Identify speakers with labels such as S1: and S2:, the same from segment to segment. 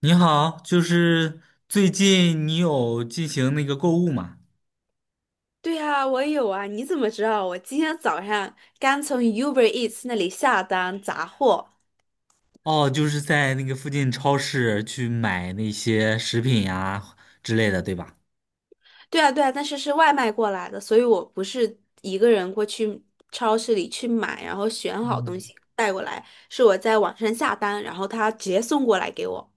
S1: 你好，就是最近你有进行那个购物吗？
S2: 对啊，我有啊，你怎么知道？我今天早上刚从 Uber Eats 那里下单杂货。
S1: 哦，就是在那个附近超市去买那些食品呀之类的，对吧？
S2: 对啊，对啊，但是是外卖过来的，所以我不是一个人过去超市里去买，然后选好东
S1: 嗯，
S2: 西带过来，是我在网上下单，然后他直接送过来给我。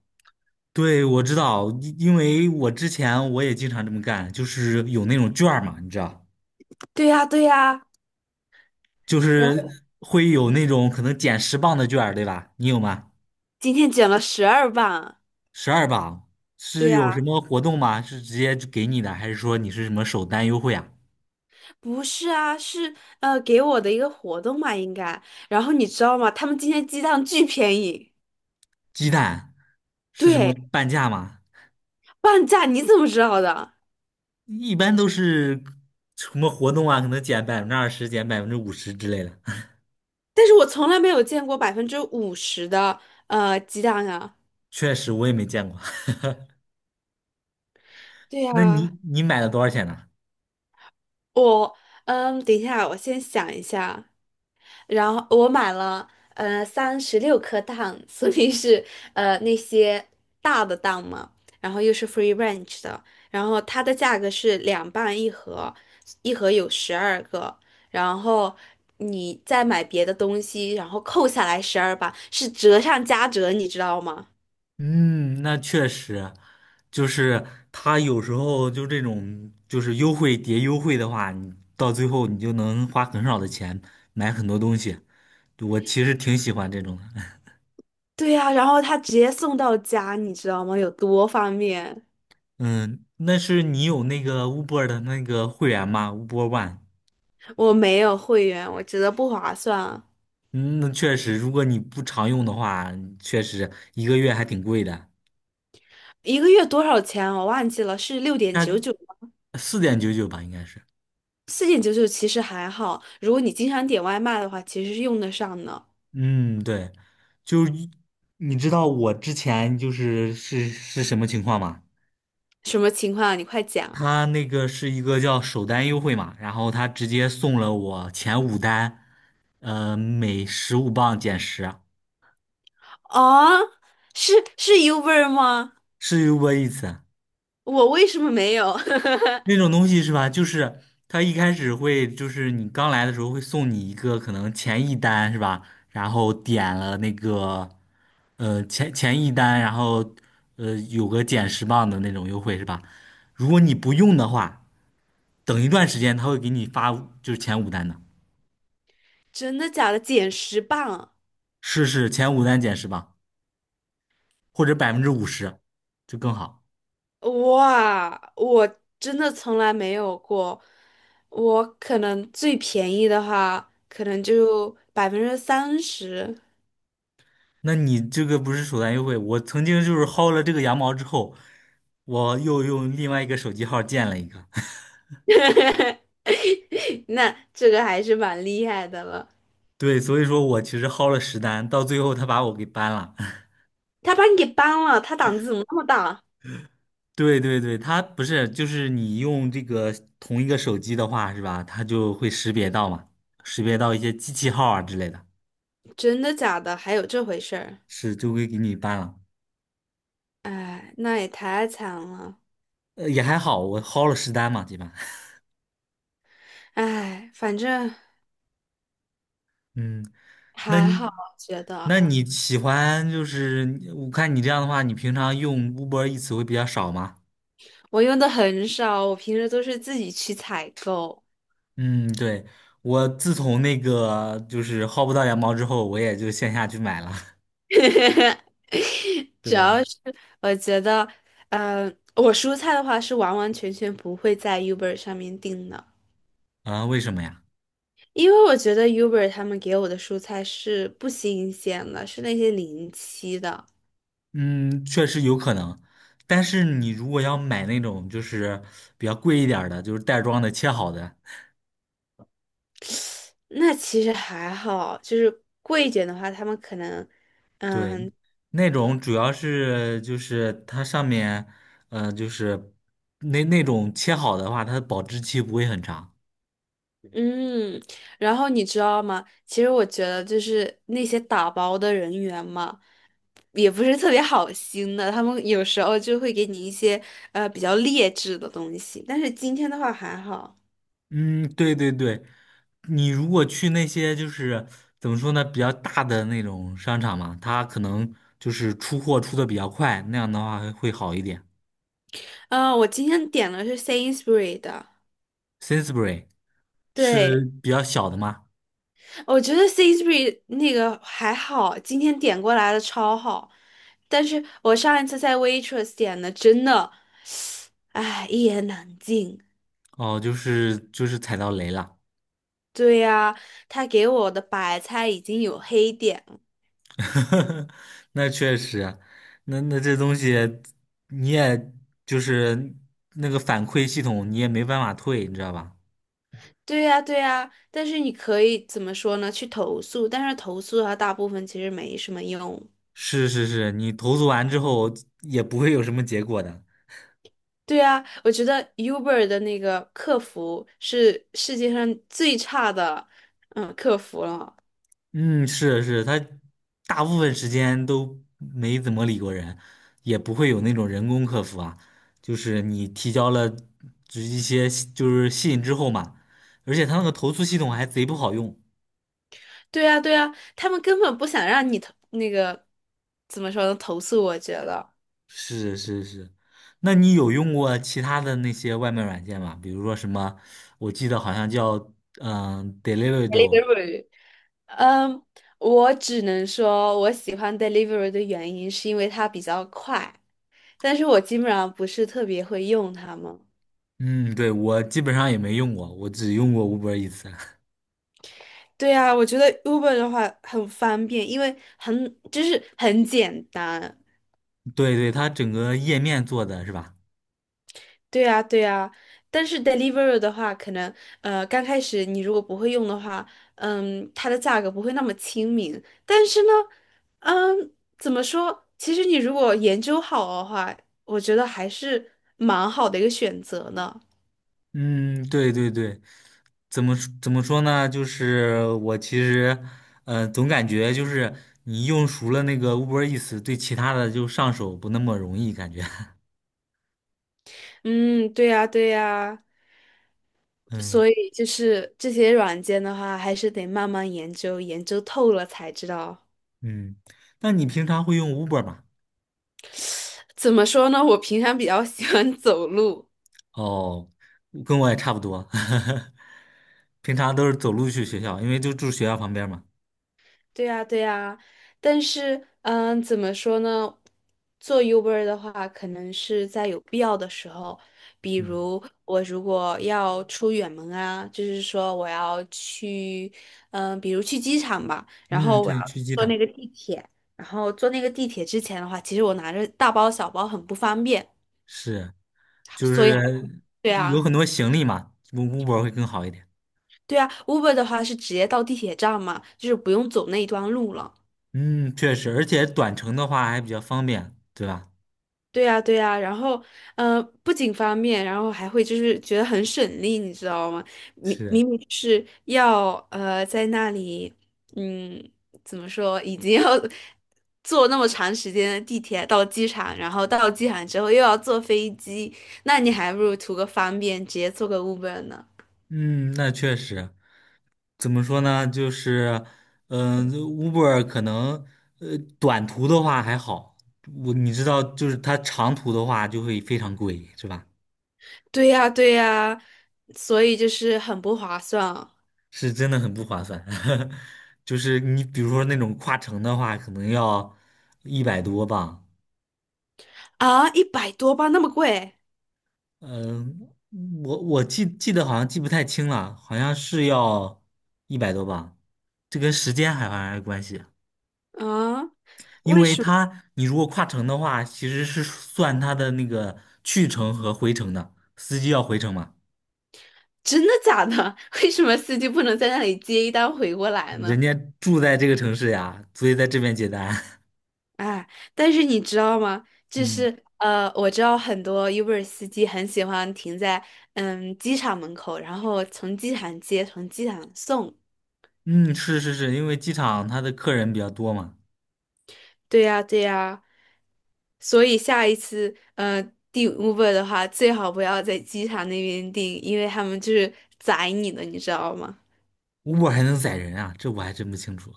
S1: 对，我知道，因为我之前我也经常这么干，就是有那种券儿嘛，你知道，
S2: 对呀，对呀，
S1: 就
S2: 然后
S1: 是会有那种可能减十磅的券儿，对吧？你有吗？
S2: 今天减了十二磅。
S1: 12磅
S2: 对
S1: 是有
S2: 呀，
S1: 什么活动吗？是直接就给你的，还是说你是什么首单优惠啊？
S2: 不是啊，是给我的一个活动嘛，应该。然后你知道吗？他们今天鸡蛋巨便宜。
S1: 鸡蛋是什么
S2: 对。
S1: 半价吗？
S2: 半价你怎么知道的？
S1: 一般都是什么活动啊，可能减20%、减百分之五十之类的。
S2: 但是我从来没有见过50%的鸡蛋啊。
S1: 确实，我也没见过。
S2: 对
S1: 那
S2: 呀，
S1: 你买了多少钱呢？
S2: 我等一下，我先想一下。然后我买了36颗蛋，所以是那些大的蛋嘛，然后又是 free range 的，然后它的价格是两半一盒，一盒有12个，然后。你再买别的东西，然后扣下来十二磅，是折上加折，你知道吗？
S1: 嗯，那确实，就是他有时候就这种就是优惠叠优惠的话，你到最后你就能花很少的钱买很多东西。我其实挺喜欢这种的。
S2: 对呀、然后他直接送到家，你知道吗？有多方便？
S1: 嗯，那是你有那个 Uber 的那个会员吗？Uber One。
S2: 我没有会员，我觉得不划算。
S1: 嗯，那确实，如果你不常用的话，确实一个月还挺贵的，
S2: 一个月多少钱？我忘记了，是六点
S1: 那
S2: 九九
S1: 4.99吧，应该是。
S2: 4.99其实还好，如果你经常点外卖的话，其实是用得上的。
S1: 嗯，对，就你知道我之前就是什么情况吗？
S2: 什么情况啊你快讲
S1: 他那个是一个叫首单优惠嘛，然后他直接送了我前五单，每15磅减十啊，
S2: 啊！是是 Uber 吗？
S1: 是有过一次。
S2: 我为什么没有？
S1: 那种东西是吧？就是他一开始会，就是你刚来的时候会送你一个可能前一单是吧？然后点了那个，前一单，然后有个减十磅的那种优惠是吧？如果你不用的话，等一段时间他会给你发就是前五单的，
S2: 真的假的？减10磅！
S1: 试试前五单减十磅或者百分之五十，就更好。
S2: 哇，我真的从来没有过。我可能最便宜的话，可能就30%。
S1: 那你这个不是首单优惠，我曾经就是薅了这个羊毛之后，我又用另外一个手机号建了一个。
S2: 那这个还是蛮厉害的了。
S1: 对，所以说我其实薅了十单，到最后他把我给 ban 了。
S2: 他把你给搬了，他胆子怎么那么大？
S1: 对对对，他不是，就是你用这个同一个手机的话，是吧？它就会识别到嘛，识别到一些机器号啊之类的，
S2: 真的假的？还有这回事儿？
S1: 是就会给你 ban 了。
S2: 哎，那也太惨了。
S1: 也还好，我薅了十单嘛，基本。
S2: 哎，反正
S1: 嗯，那
S2: 还
S1: 你
S2: 好，我觉得
S1: 那你喜欢就是，我看你这样的话，你平常用 Uber e a 会比较少吗？
S2: 我用的很少，我平时都是自己去采购。
S1: 嗯，对，我自从那个就是薅不到羊毛之后，我也就线下去买了。
S2: 主
S1: 对
S2: 要是我觉得，嗯，我蔬菜的话是完完全全不会在 Uber 上面订的，
S1: 啊，为什么呀？
S2: 因为我觉得 Uber 他们给我的蔬菜是不新鲜的，是那些临期的。
S1: 嗯，确实有可能，但是你如果要买那种就是比较贵一点儿的，就是袋装的切好的，
S2: 那其实还好，就是贵一点的话，他们可能，
S1: 对，
S2: 嗯。
S1: 那种主要是就是它上面，就是那种切好的话，它的保质期不会很长。
S2: 嗯，然后你知道吗？其实我觉得就是那些打包的人员嘛，也不是特别好心的，他们有时候就会给你一些比较劣质的东西。但是今天的话还好，
S1: 嗯，对对对，你如果去那些就是怎么说呢，比较大的那种商场嘛，它可能就是出货出的比较快，那样的话会好一点。
S2: 嗯、我今天点的是 Sainsbury 的，
S1: Sainsbury 是
S2: 对，
S1: 比较小的吗？
S2: 我觉得 Sainsbury 那个还好，今天点过来的超好，但是我上一次在 Waitrose 点的真的，唉，一言难尽。
S1: 哦，就是踩到雷了，
S2: 对呀，他给我的白菜已经有黑点了。
S1: 那确实啊，那这东西你也就是那个反馈系统你也没办法退，你知道吧？
S2: 对呀，对呀，但是你可以怎么说呢？去投诉，但是投诉的话，大部分其实没什么用。
S1: 是是是，你投诉完之后也不会有什么结果的。
S2: 对呀，我觉得 Uber 的那个客服是世界上最差的，客服了。
S1: 嗯，是是，他大部分时间都没怎么理过人，也不会有那种人工客服啊，就是你提交了就是一些就是信之后嘛，而且他那个投诉系统还贼不好用。
S2: 对呀，对呀，他们根本不想让你投那个怎么说呢？投诉，我觉得。
S1: 是是是，那你有用过其他的那些外卖软件吗？比如说什么，我记得好像叫Deliveroo，
S2: Delivery。嗯，我只能说我喜欢 Delivery 的原因是因为它比较快。但是我基本上不是特别会用它们。
S1: 嗯，对，我基本上也没用过，我只用过 Uber 一次。
S2: 对啊，我觉得 Uber 的话很方便，因为很就是很简单。
S1: 对对，它整个页面做的是吧？
S2: 对啊，对啊。但是 Deliveroo 的话，可能刚开始你如果不会用的话，它的价格不会那么亲民。但是呢，嗯，怎么说？其实你如果研究好的话，我觉得还是蛮好的一个选择呢。
S1: 嗯，对对对，怎么说呢？就是我其实，总感觉就是你用熟了那个 Uber e a s 对其他的就上手不那么容易，感觉。
S2: 嗯，对呀，对呀。
S1: 嗯
S2: 所以就是这些软件的话，还是得慢慢研究，研究透了才知道。
S1: 嗯，那你平常会用 Uber 吗？
S2: 怎么说呢？我平常比较 喜欢走路，
S1: 哦，跟我也差不多，平常都是走路去学校，因为就住学校旁边嘛。
S2: 对呀，对呀。但是，怎么说呢？做 Uber 的话，可能是在有必要的时候，比
S1: 嗯
S2: 如我如果要出远门啊，就是说我要去，比如去机场吧，然
S1: 嗯，
S2: 后我
S1: 对，
S2: 要
S1: 去机
S2: 坐
S1: 场
S2: 那个地铁，然后坐那个地铁之前的话，其实我拿着大包小包很不方便。
S1: 是，就
S2: 所以还
S1: 是
S2: 对
S1: 有
S2: 啊，
S1: 很多行李嘛，Uber 会更好一点。
S2: 对啊，Uber 的话是直接到地铁站嘛，就是不用走那一段路了。
S1: 嗯，确实，而且短程的话还比较方便，对吧？
S2: 对呀，对呀，然后，不仅方便，然后还会就是觉得很省力，你知道吗？明
S1: 是，
S2: 明明是要在那里，嗯，怎么说，已经要 坐那么长时间的地铁到机场，然后到机场之后又要坐飞机，那你还不如图个方便，直接坐个 Uber 呢。
S1: 嗯，那确实，怎么说呢？就是，Uber 可能，短途的话还好，我你知道，就是它长途的话就会非常贵，是吧？
S2: 对呀，对呀，所以就是很不划算。
S1: 是真的很不划算，就是你比如说那种跨城的话，可能要一百多吧。
S2: 啊，一百多吧，那么贵
S1: 嗯、我记得好像记不太清了，好像是要一百多吧。这跟时间还好像有关系，
S2: 啊？
S1: 因
S2: 为
S1: 为
S2: 什么？
S1: 他你如果跨城的话，其实是算他的那个去程和回程的，司机要回程嘛，
S2: 真的假的？为什么司机不能在那里接一单回过来
S1: 人
S2: 呢？
S1: 家住在这个城市呀，所以在这边接单。
S2: 哎，但是你知道吗？就
S1: 嗯
S2: 是我知道很多 Uber 司机很喜欢停在机场门口，然后从机场接，从机场送。
S1: 嗯，是是是，因为机场他的客人比较多嘛。
S2: 对呀，对呀。所以下一次订 Uber 的话，最好不要在机场那边订，因为他们就是宰你的，你知道吗？
S1: 我还能宰人啊？这我还真不清楚。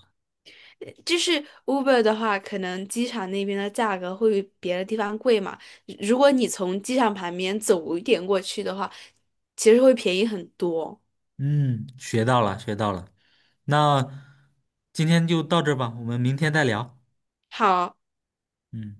S2: 就是 Uber 的话，可能机场那边的价格会比别的地方贵嘛。如果你从机场旁边走一点过去的话，其实会便宜很多。
S1: 嗯，学到了，学到了。那今天就到这儿吧，我们明天再聊。
S2: 好，
S1: 嗯。